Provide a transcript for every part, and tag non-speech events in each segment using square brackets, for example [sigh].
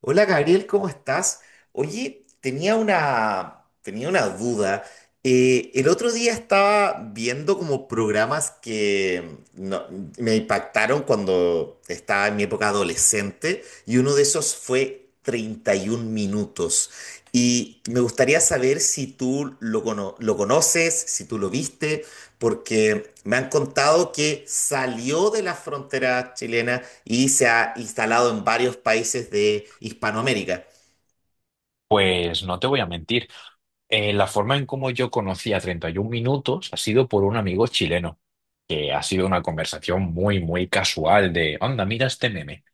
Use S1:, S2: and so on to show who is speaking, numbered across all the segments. S1: Hola Gabriel, ¿cómo estás? Oye, tenía una duda. El otro día estaba viendo como programas que no- me impactaron cuando estaba en mi época adolescente y uno de esos fue 31 minutos. Y me gustaría saber si tú lo conoces, si tú lo viste porque me han contado que salió de las fronteras chilenas y se ha instalado en varios países de Hispanoamérica.
S2: Pues no te voy a mentir. La forma en cómo yo conocí a 31 Minutos ha sido por un amigo chileno, que ha sido una conversación muy, muy casual de, anda, mira este meme.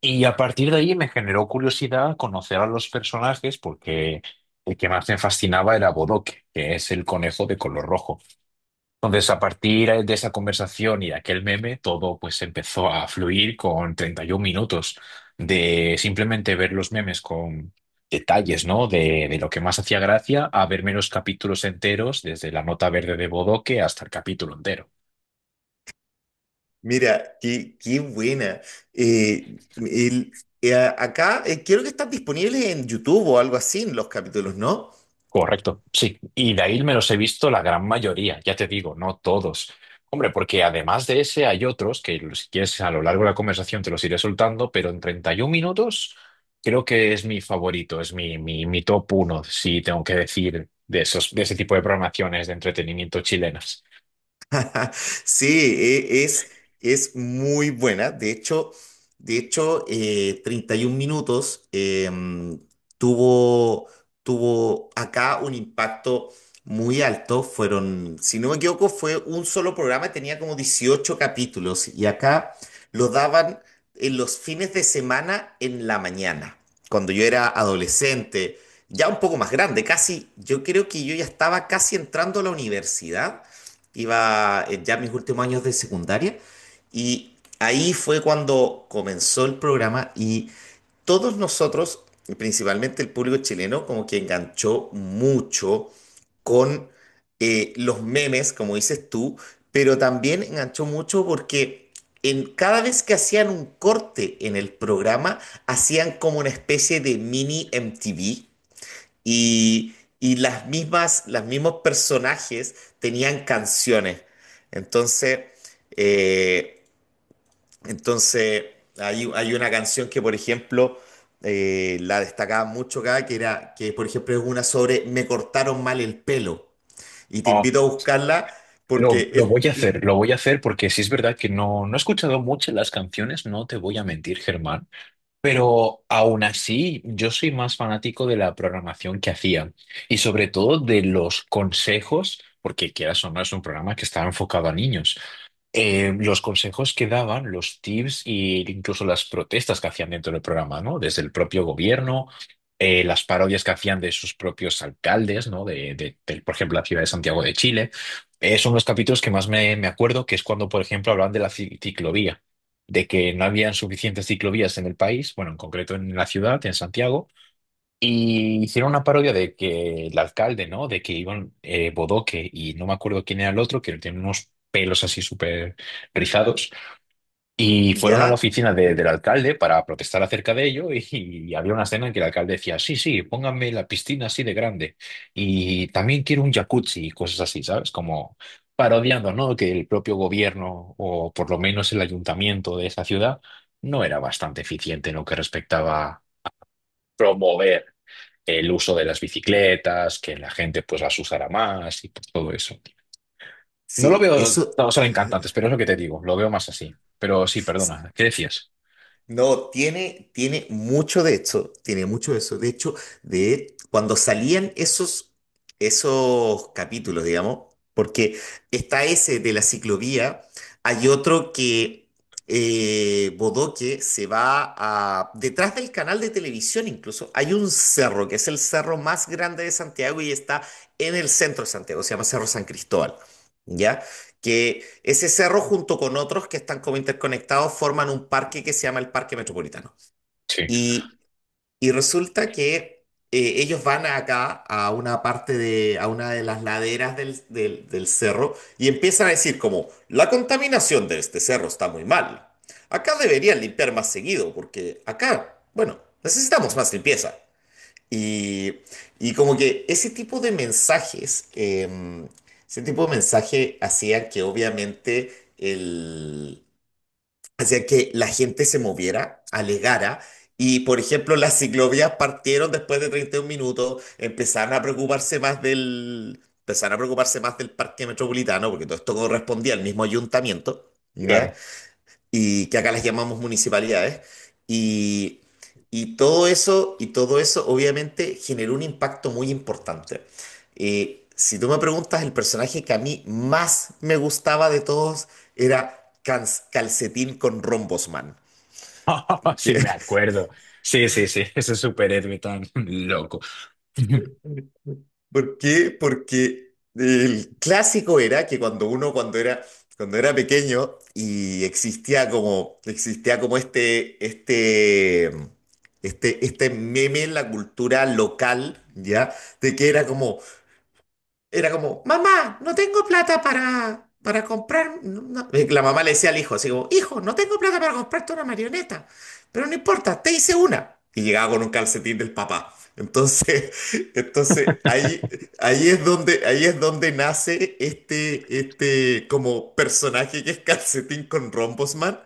S2: Y a partir de ahí me generó curiosidad conocer a los personajes porque el que más me fascinaba era Bodoque, que es el conejo de color rojo. Entonces, a partir de esa conversación y de aquel meme, todo pues empezó a fluir con 31 minutos de simplemente ver los memes con detalles, ¿no? De lo que más hacía gracia a verme los capítulos enteros, desde la nota verde de Bodoque hasta el capítulo entero.
S1: Mira, qué buena. Eh, el- Acá, creo que están disponibles en YouTube o algo así los capítulos, ¿no?
S2: Correcto, sí. Y de ahí me los he visto la gran mayoría, ya te digo, no todos. Hombre, porque además de ese hay otros que si quieres a lo largo de la conversación te los iré soltando, pero en 31 minutos creo que es mi favorito, es mi top uno, si tengo que decir, de esos, de ese tipo de programaciones de entretenimiento chilenas.
S1: [laughs] Sí, es muy buena. De hecho, 31 minutos tuvo, tuvo acá un impacto muy alto. Fueron, si no me equivoco, fue un solo programa y tenía como 18 capítulos. Y acá lo daban en los fines de semana en la mañana, cuando yo era adolescente, ya un poco más grande, casi. Yo creo que yo ya estaba casi entrando a la universidad, iba ya en mis últimos años de secundaria y ahí fue cuando comenzó el programa. Y todos nosotros, principalmente el público chileno, como que enganchó mucho con los memes, como dices tú, pero también enganchó mucho porque cada vez que hacían un corte en el programa, hacían como una especie de mini MTV. Y las mismas, los mismos personajes tenían canciones. Entonces, eh, entonces, hay una canción que, por ejemplo, la destacaba mucho acá, que era, que por ejemplo es una sobre Me cortaron mal el pelo. Y te
S2: Oh,
S1: invito a buscarla
S2: lo,
S1: porque
S2: lo voy a hacer, lo voy a hacer porque sí es verdad que no he escuchado mucho las canciones, no te voy a mentir, Germán. Pero aún así, yo soy más fanático de la programación que hacían y sobre todo de los consejos, porque quieras o no es un programa que estaba enfocado a niños. Los consejos que daban, los tips e incluso las protestas que hacían dentro del programa, ¿no? Desde el propio gobierno, las parodias que hacían de sus propios alcaldes, ¿no? De, por ejemplo, la ciudad de Santiago de Chile. Son los capítulos que más me acuerdo, que es cuando, por ejemplo, hablaban de la ciclovía, de que no habían suficientes ciclovías en el país, bueno, en concreto en la ciudad, en Santiago, y hicieron una parodia de que el alcalde, ¿no? De que iban Bodoque y no me acuerdo quién era el otro, que tiene unos pelos así súper rizados. Y fueron a la
S1: ¿ya?
S2: oficina del alcalde para protestar acerca de ello y había una escena en que el alcalde decía, sí, sí, pónganme la piscina así de grande y también quiero un jacuzzi y cosas así, ¿sabes? Como parodiando, ¿no? Que el propio gobierno o por lo menos el ayuntamiento de esa ciudad no era bastante eficiente en lo que respectaba promover el uso de las bicicletas, que la gente pues las usará más y pues, todo eso. No lo
S1: Sí,
S2: veo,
S1: eso.
S2: no, son encantantes, pero es lo que te digo, lo veo más así. Pero sí, perdona, ¿qué decías?
S1: No, tiene mucho de eso, tiene mucho de eso. De hecho, de cuando salían esos capítulos, digamos, porque está ese de la ciclovía, hay otro que Bodoque se va a. Detrás del canal de televisión incluso, hay un cerro, que es el cerro más grande de Santiago y está en el centro de Santiago, se llama Cerro San Cristóbal. ¿Ya? Que ese cerro junto con otros que están como interconectados forman un parque que se llama el Parque Metropolitano.
S2: Sí,
S1: Y, y resulta que ellos van acá a una parte de, a una de las laderas del cerro y empiezan a decir como, la contaminación de este cerro está muy mal. Acá deberían limpiar más seguido porque acá, bueno, necesitamos más limpieza. Y, y como que ese tipo de ese tipo de mensaje hacía que obviamente hacía que la gente se moviera, alegara. Y por ejemplo, las ciclovías partieron después de 31 minutos, empezaron a preocuparse más del parque metropolitano, porque todo esto correspondía al mismo ayuntamiento, ¿ya?
S2: claro.
S1: Y que acá las llamamos municipalidades. Y y todo eso, obviamente generó un impacto muy importante. Si tú me preguntas, el personaje que a mí más me gustaba de todos era Calcetín con Rombosman.
S2: [laughs] Sí, me acuerdo. Sí, sí, sí, [laughs] ese superhéroe tan [laughs] loco.
S1: ¿Por qué? Porque el clásico era que cuando era pequeño y existía como este meme en la cultura local, ¿ya? De que era como, mamá, no tengo plata para comprar, no". Y la mamá le decía al hijo, así como, hijo, no tengo plata para comprarte una marioneta, pero no importa, te hice una. Y llegaba con un calcetín del papá. Entonces, [laughs] entonces ahí, ahí es donde nace este como personaje que es calcetín con Rombosman,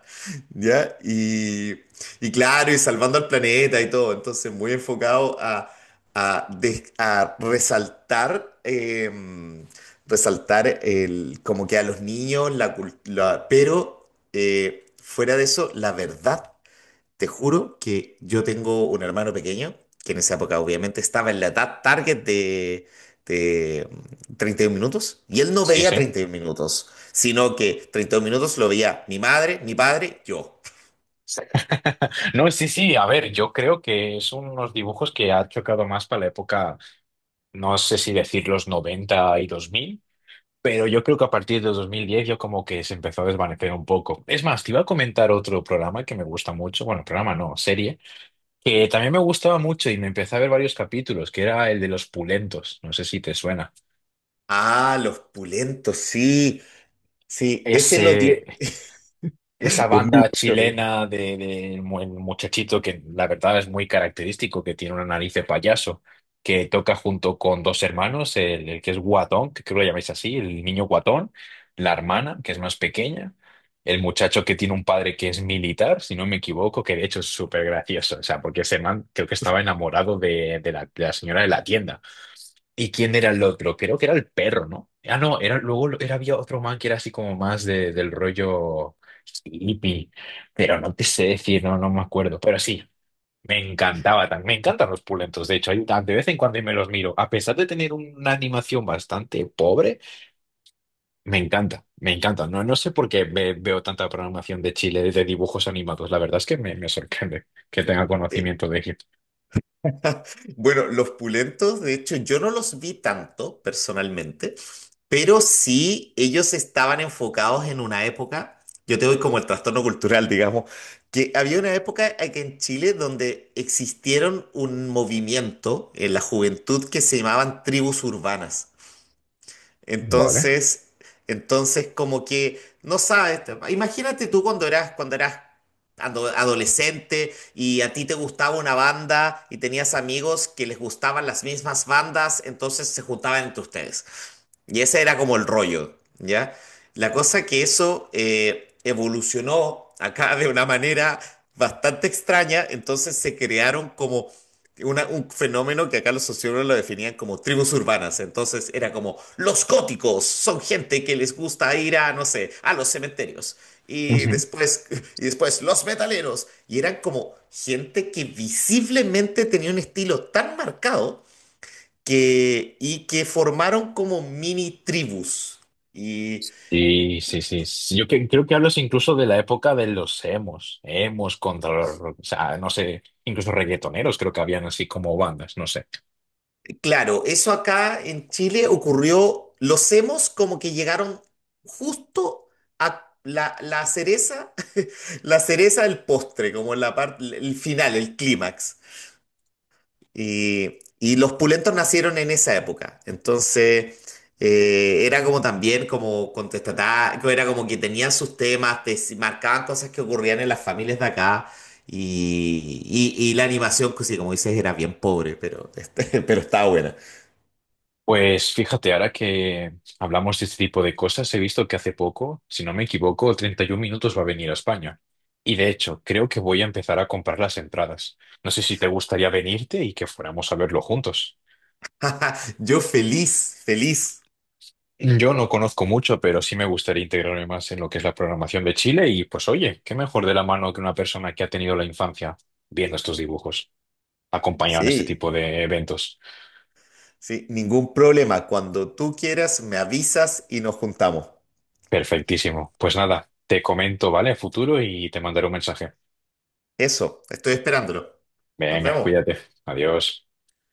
S1: ¿ya? Y claro, y salvando al planeta y todo. Entonces, muy enfocado a resaltar como que a los niños, cultura. Pero fuera de eso, la verdad, te juro que yo tengo un hermano pequeño, que en esa época obviamente estaba en la edad target de 31 minutos, y él no
S2: Sí,
S1: veía
S2: sí.
S1: 31 minutos, sino que 31 minutos lo veía mi madre, mi padre, yo.
S2: Sí. [laughs] No, sí, sí, a ver, yo creo que son unos dibujos que ha chocado más para la época, no sé si decir los 90 y dos mil. Pero yo creo que a partir de 2010 yo como que se empezó a desvanecer un poco. Es más, te iba a comentar otro programa que me gusta mucho, bueno, programa no, serie, que también me gustaba mucho y me empecé a ver varios capítulos, que era el de los pulentos, no sé si te suena.
S1: Ah, los pulentos, sí, sí, ese lo.
S2: Ese, Esa
S1: [laughs] Es muy
S2: banda
S1: bueno.
S2: chilena de, el muchachito que la verdad es muy característico, que tiene una nariz de payaso, que toca junto con dos hermanos, el que es guatón, que creo que lo llamáis así, el niño guatón, la hermana, que es más pequeña, el muchacho que tiene un padre que es militar, si no me equivoco, que de hecho es súper gracioso, o sea, porque ese man creo que estaba enamorado de la señora de la tienda. ¿Y quién era el otro? Creo que era el perro, ¿no? Ah, no, era, luego era, había otro man que era así como más de, del rollo hippie, pero no te sé decir, no, me acuerdo, pero sí, me encantaba también, me encantan los pulentos, de hecho, de vez en cuando me los miro, a pesar de tener una animación bastante pobre, me encanta, no, no sé por qué veo tanta programación de Chile de dibujos animados, la verdad es que me sorprende que tenga
S1: Eh,
S2: conocimiento de Egipto.
S1: [laughs] Bueno, los pulentos, de hecho, yo no los vi tanto personalmente, pero sí ellos estaban enfocados en una época. Yo te doy como el trastorno cultural, digamos, que había una época aquí en Chile donde existieron un movimiento en la juventud que se llamaban tribus urbanas.
S2: Vale.
S1: Entonces, entonces, como que no sabes, imagínate tú cuando eras adolescente y a ti te gustaba una banda y tenías amigos que les gustaban las mismas bandas, entonces se juntaban entre ustedes. Y ese era como el rollo, ¿ya? La cosa que eso evolucionó acá de una manera bastante extraña, entonces se crearon como un fenómeno que acá los sociólogos lo definían como tribus urbanas. Entonces era como los góticos son gente que les gusta ir a, no sé, a los cementerios. Y después, [laughs] y después los metaleros, y eran como gente que visiblemente tenía un estilo tan marcado y que formaron como mini tribus. Y
S2: Sí, sí, sí, sí. Yo creo que hablas incluso de la época de los emos contra los, o sea, no sé, incluso reggaetoneros creo que habían así como bandas, no sé.
S1: claro, eso acá en Chile ocurrió, los hemos como que llegaron justo a la cereza, [laughs] la cereza del postre, como la parte, el final, el clímax. Y los pulentos nacieron en esa época. Entonces, era como también como contestatario, era como que tenían sus temas, marcaban cosas que ocurrían en las familias de acá. Y la animación, pues sí, como dices, era bien pobre, pero, [laughs] pero estaba buena.
S2: Pues fíjate, ahora que hablamos de este tipo de cosas, he visto que hace poco, si no me equivoco, 31 minutos va a venir a España. Y de hecho, creo que voy a empezar a comprar las entradas. No sé si te gustaría venirte y que fuéramos a verlo juntos.
S1: [laughs] Yo feliz, feliz.
S2: Yo no conozco mucho, pero sí me gustaría integrarme más en lo que es la programación de Chile y pues oye, qué mejor de la mano que una persona que ha tenido la infancia viendo estos dibujos, acompañado en este
S1: Sí,
S2: tipo de eventos.
S1: sí, ningún problema. Cuando tú quieras, me avisas y nos juntamos.
S2: Perfectísimo. Pues nada, te comento, ¿vale? A futuro y te mandaré un mensaje.
S1: Eso, estoy esperándolo. Nos
S2: Venga,
S1: vemos.
S2: cuídate. Adiós.